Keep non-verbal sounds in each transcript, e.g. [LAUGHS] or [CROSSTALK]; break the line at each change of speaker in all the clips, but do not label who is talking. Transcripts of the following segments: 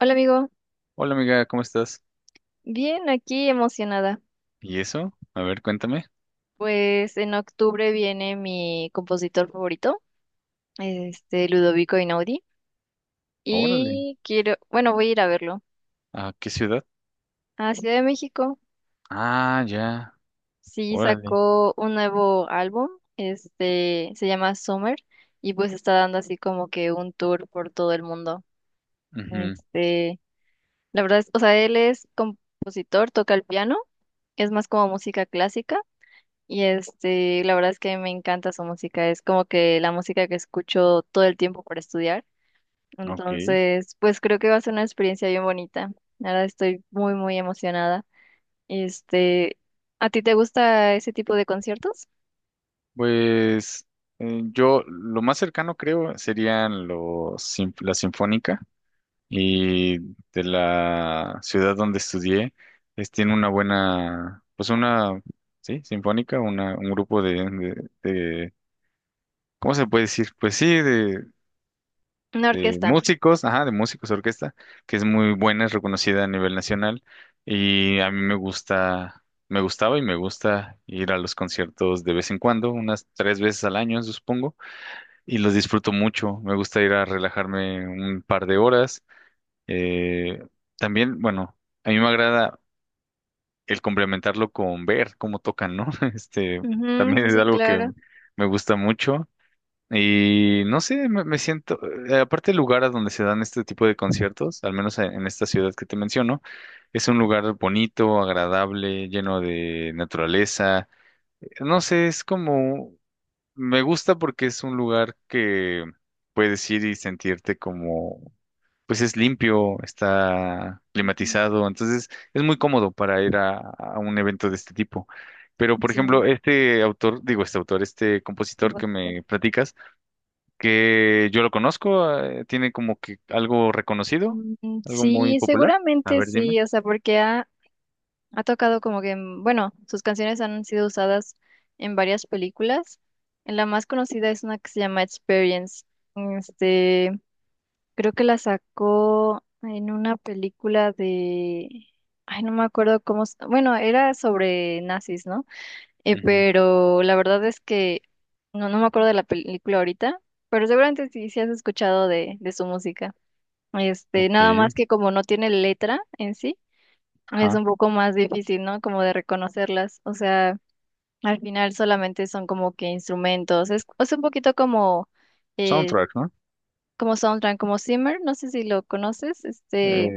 Hola amigo,
Hola amiga, ¿cómo estás?
bien aquí emocionada.
¿Y eso? A ver, cuéntame.
Pues en octubre viene mi compositor favorito, Ludovico Einaudi,
Órale.
y quiero, bueno, voy a ir a verlo
¿A qué ciudad?
a Ciudad de México.
Ah, ya.
Sí,
Órale.
sacó un nuevo álbum, se llama Summer, y pues está dando así como que un tour por todo el mundo.
Ujú,
Este, la verdad es, o sea, él es compositor, toca el piano, es más como música clásica. Y la verdad es que me encanta su música, es como que la música que escucho todo el tiempo para estudiar.
ok.
Entonces, pues creo que va a ser una experiencia bien bonita. Ahora estoy muy emocionada. Este, ¿A ti te gusta ese tipo de conciertos?
Pues yo lo más cercano creo serían los, sin- la Sinfónica y de la ciudad donde estudié, es, tiene una buena, pues una, sí, Sinfónica, una, un grupo de, de, de- ¿cómo se puede decir? Pues sí, de
Una
de
orquesta.
músicos, ajá, de músicos de orquesta, que es muy buena, es reconocida a nivel nacional y a mí me gusta, me gustaba y me gusta ir a los conciertos de vez en cuando, unas tres veces al año, supongo, y los disfruto mucho. Me gusta ir a relajarme un par de horas. Eh, también, bueno, a mí me agrada el complementarlo con ver cómo tocan, ¿no? [LAUGHS] Este,
Ujú,
también es
sí,
algo que
claro.
me gusta mucho. Y no sé, me siento, aparte el lugar a donde se dan este tipo de conciertos, al menos en esta ciudad que te menciono, es un lugar bonito, agradable, lleno de naturaleza. No sé, es como, me gusta porque es un lugar que puedes ir y sentirte como, pues es limpio, está
Mm,
climatizado, entonces es muy cómodo para ir a un evento de este tipo. Pero, por
sí,
ejemplo, este autor, digo, este autor, este compositor
como-
que me platicas, que yo lo conozco, tiene como que algo reconocido,
mm,
algo muy
sí,
popular. A
seguramente
ver, dime.
sí, o sea, porque ha, ha tocado como que, bueno, sus canciones han sido usadas en varias películas. En la más conocida es una que se llama Experience. Este, creo que la sacó en una película de, ay, no me acuerdo cómo, bueno, era sobre nazis, ¿no?
Ujú,
Pero la verdad es que no me acuerdo de la película ahorita, pero seguramente sí, sí has escuchado de su música.
Ok,
Nada más que como no tiene letra en sí es
ajá.
un poco más difícil, ¿no? Como de reconocerlas. O sea, al final solamente son como que instrumentos. Es un poquito como, eh,
Soundtrack, ¿no?
como soundtrack, como Zimmer, no sé si lo conoces,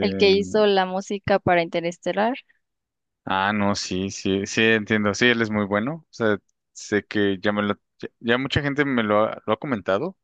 el que hizo la música para Interestelar.
ah, no, sí, sí, sí, entiendo. Sí, él es muy bueno. O sea, sé que ya me lo, ya, ya mucha gente me lo ha comentado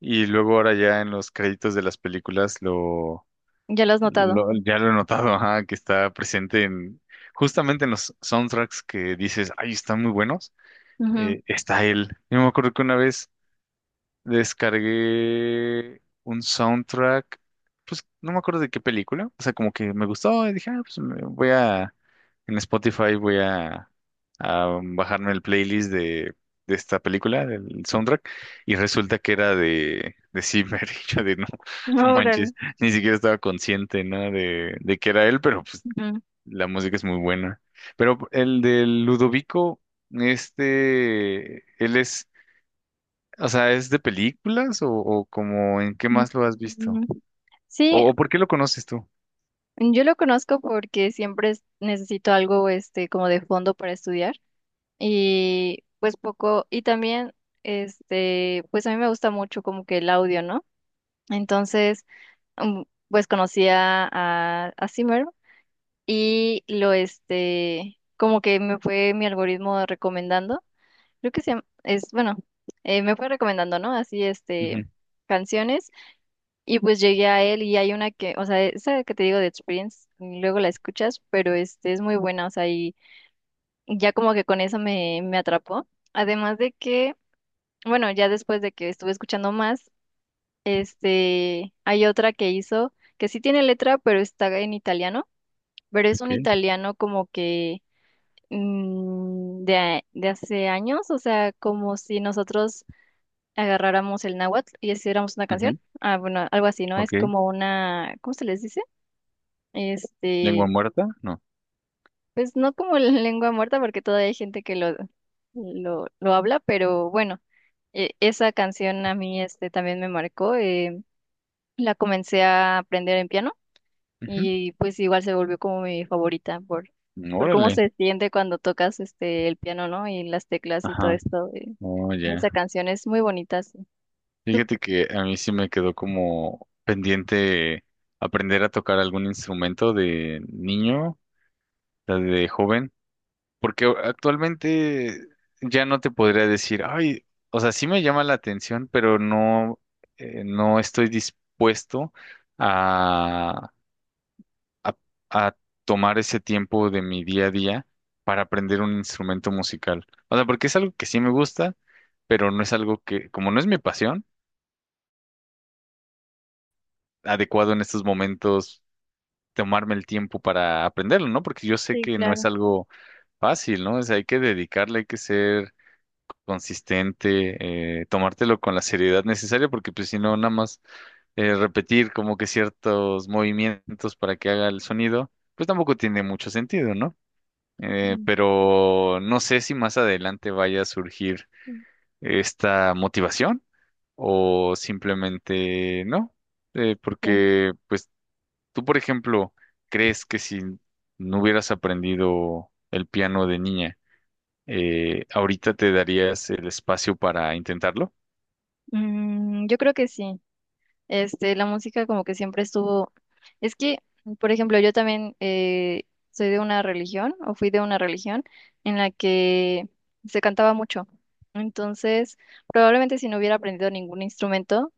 y luego ahora ya en los créditos de las películas
Ya lo has notado.
lo ya lo he notado, ajá, que está presente en justamente en los soundtracks que dices, ay, están muy buenos. Está él. Yo me acuerdo que una vez descargué un soundtrack, pues no me acuerdo de qué película, o sea, como que me gustó y dije, ah, pues me voy a, en Spotify voy a bajarme el playlist de esta película, del soundtrack, y resulta que era de Zimmer, [LAUGHS] y yo de no,
Ujú.
no
Órale.
manches, ni siquiera estaba consciente, ¿no? De que era él, pero pues
Ujú.
la música es muy buena. Pero el de Ludovico... Este, él es o sea, ¿es de películas o como en qué más lo has visto?
Mm, sí,
O por qué lo conoces tú?
yo lo conozco porque siempre necesito algo como de fondo para estudiar. Y pues poco, y también, pues a mí me gusta mucho como que el audio, ¿no? Entonces, mm, pues conocía a Zimmer y lo, como que me fue mi algoritmo recomendando, creo que es, bueno, me fue recomendando, ¿no? Así,
Ujú,
canciones y pues llegué a él y hay una que, o sea, esa que te digo de Experience, luego la escuchas, pero es muy buena, o sea, y ya como que con eso me atrapó. Además de que bueno, ya después de que estuve escuchando más, hay otra que hizo que sí tiene letra, pero está en italiano, pero es un
ok,
italiano como que de, de hace años, o sea, como si nosotros agarráramos el náhuatl y hiciéramos una canción.
ujú,
Ah, bueno, algo así, ¿no? Es
ok.
como una, ¿cómo se les dice?
¿Lengua
Este,
muerta? No.
pues no como la [LAUGHS] lengua muerta, porque todavía hay gente que lo habla, pero bueno, esa canción a mí también me marcó. La comencé a aprender en piano y pues igual se volvió como mi favorita
Ujú,
por cómo
órale.
se siente cuando tocas el piano, ¿no? Y las teclas y todo
Ajá.
esto
Oh,
de
ya.
esa canción es muy bonita, sí. Tú-
Fíjate que a mí sí me quedó como pendiente aprender a tocar algún instrumento de niño, o sea, de joven, porque actualmente ya no te podría decir, ay, o sea, sí me llama la atención, pero no, no estoy dispuesto a, a tomar ese tiempo de mi día a día para aprender un instrumento musical. O sea, porque es algo que sí me gusta, pero no es algo que, como no es mi pasión, adecuado en estos momentos tomarme el tiempo para aprenderlo, ¿no? Porque yo sé
sí,
que no es
claro.
algo fácil, ¿no? O sea, hay que dedicarle, hay que ser consistente, tomártelo con la seriedad necesaria, porque pues si no, nada más repetir como que ciertos movimientos para que haga el sonido, pues tampoco tiene mucho sentido, ¿no?
Mm,
Pero no sé si más adelante vaya a surgir
mm,
esta motivación o simplemente no.
ya.
Porque pues tú, por ejemplo, crees que si no hubieras aprendido el piano de niña, ahorita te darías el espacio para intentarlo.
Mm, yo creo que sí. La música como que siempre estuvo. Es que, por ejemplo, yo también soy de una religión o fui de una religión en la que se cantaba mucho. Entonces, probablemente si no hubiera aprendido ningún instrumento,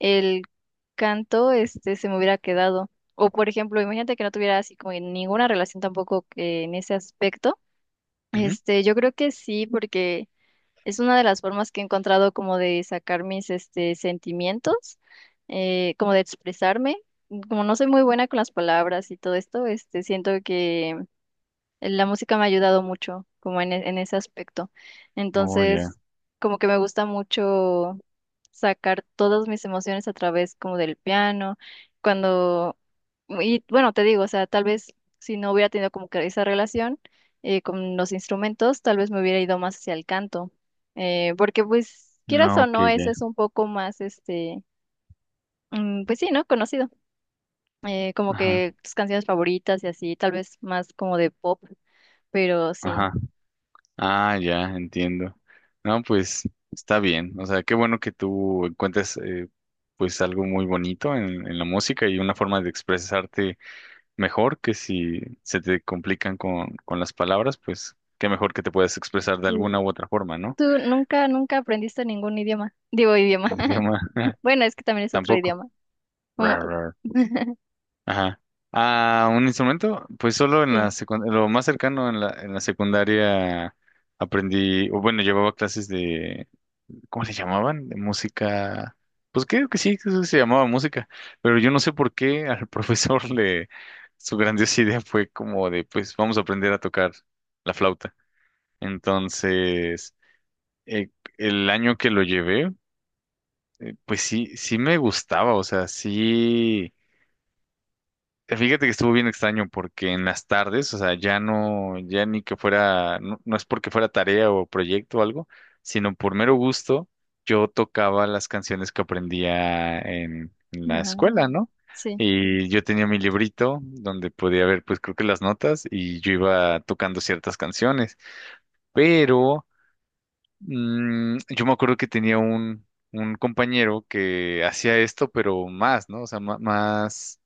el canto se me hubiera quedado. O por ejemplo, imagínate que no tuviera así como ninguna relación tampoco que en ese aspecto.
Ujú.
Yo creo que sí, porque es una de las formas que he encontrado como de sacar mis sentimientos, como de expresarme. Como no soy muy buena con las palabras y todo esto, siento que la música me ha ayudado mucho, como en, en ese aspecto.
Oh, ya.
Entonces, como que me gusta mucho sacar todas mis emociones a través como del piano, cuando, y bueno, te digo, o sea, tal vez si no hubiera tenido como que esa relación con los instrumentos, tal vez me hubiera ido más hacia el canto, porque pues quieras
No,
o
ok,
no,
ya.
eso es un poco más, mm, pues sí, ¿no? Conocido, como
Ajá,
que tus canciones favoritas y así, tal vez más como de pop, pero sí.
ajá. Ah, ya, entiendo. No, pues está bien. O sea, qué bueno que tú encuentres pues algo muy bonito en la música y una forma de expresarte mejor que si se te complican con las palabras, pues qué mejor que te puedas expresar de
Mm.
alguna u otra forma, ¿no?
¿Tú nunca aprendiste ningún idioma? Digo idioma. [LAUGHS]
Idioma, [LAUGHS]
Bueno, es que también es otro
tampoco.
idioma. Como-
Rar, rar.
[LAUGHS]
Ajá. Ah, un instrumento, pues solo en la
Sí.
secundaria, lo más cercano en la secundaria aprendí, o bueno, llevaba clases ¿cómo se llamaban? De música. Pues creo que sí, creo que se llamaba música, pero yo no sé por qué al [LAUGHS] profesor le, su grandiosa idea fue como de, pues vamos a aprender a tocar la flauta. Entonces, eh, el año que lo llevé, pues sí, sí me gustaba, o sea, sí. Fíjate que estuvo bien extraño porque en las tardes, o sea, ya no, ya ni que fuera, no, no es porque fuera tarea o proyecto o algo, sino por mero gusto, yo tocaba las canciones que aprendía en la
Ah,
escuela, ¿no?
sí.
Y yo tenía mi librito donde podía ver, pues creo que las notas y yo iba tocando ciertas canciones, pero yo me acuerdo que tenía un compañero que hacía esto, pero más, ¿no? O sea, ma- más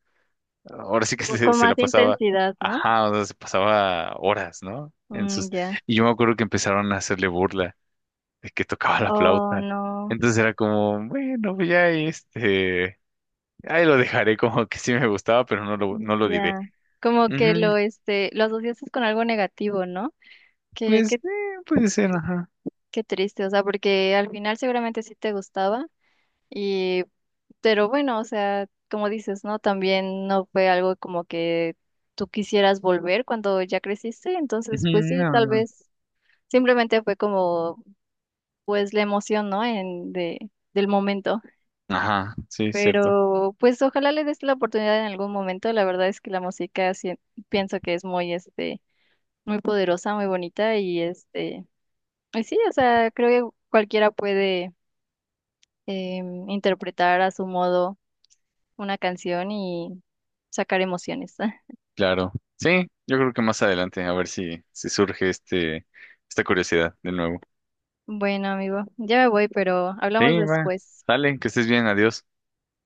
ahora sí que
Como con
se la
más
pasaba,
intensidad, ¿no?
ajá, o sea, se pasaba horas, ¿no? En
Mm,
sus,
ya.
y yo me acuerdo que empezaron a hacerle burla de que tocaba la
Oh,
flauta.
no.
Entonces era como, bueno, pues ya este, ahí lo dejaré como que sí me gustaba, pero no lo,
Mm,
no lo diré.
ya. Como que lo,
Ujú,
lo asociaste con algo negativo, ¿no? Qué,
pues,
qué,
puede ser, ajá.
qué triste. O sea, porque al final seguramente sí te gustaba. Y pero bueno, o sea, como dices, ¿no? También no fue algo como que tú quisieras volver cuando ya creciste,
Ujú,
entonces pues sí,
no. no,
tal
no".
vez simplemente fue como pues la emoción, ¿no? En de del momento.
Ajá, sí, cierto,
Pero pues ojalá le des la oportunidad en algún momento. La verdad es que la música pienso que es muy muy poderosa, muy bonita y y sí, o sea, creo que cualquiera puede interpretar a su modo una canción y sacar emociones. [LAUGHS]
claro. Sí, yo creo que más adelante, a ver si, si surge este, esta curiosidad de nuevo.
Bueno, amigo, ya me voy, pero hablamos
Sí, va,
después.
dale, que estés bien, adiós.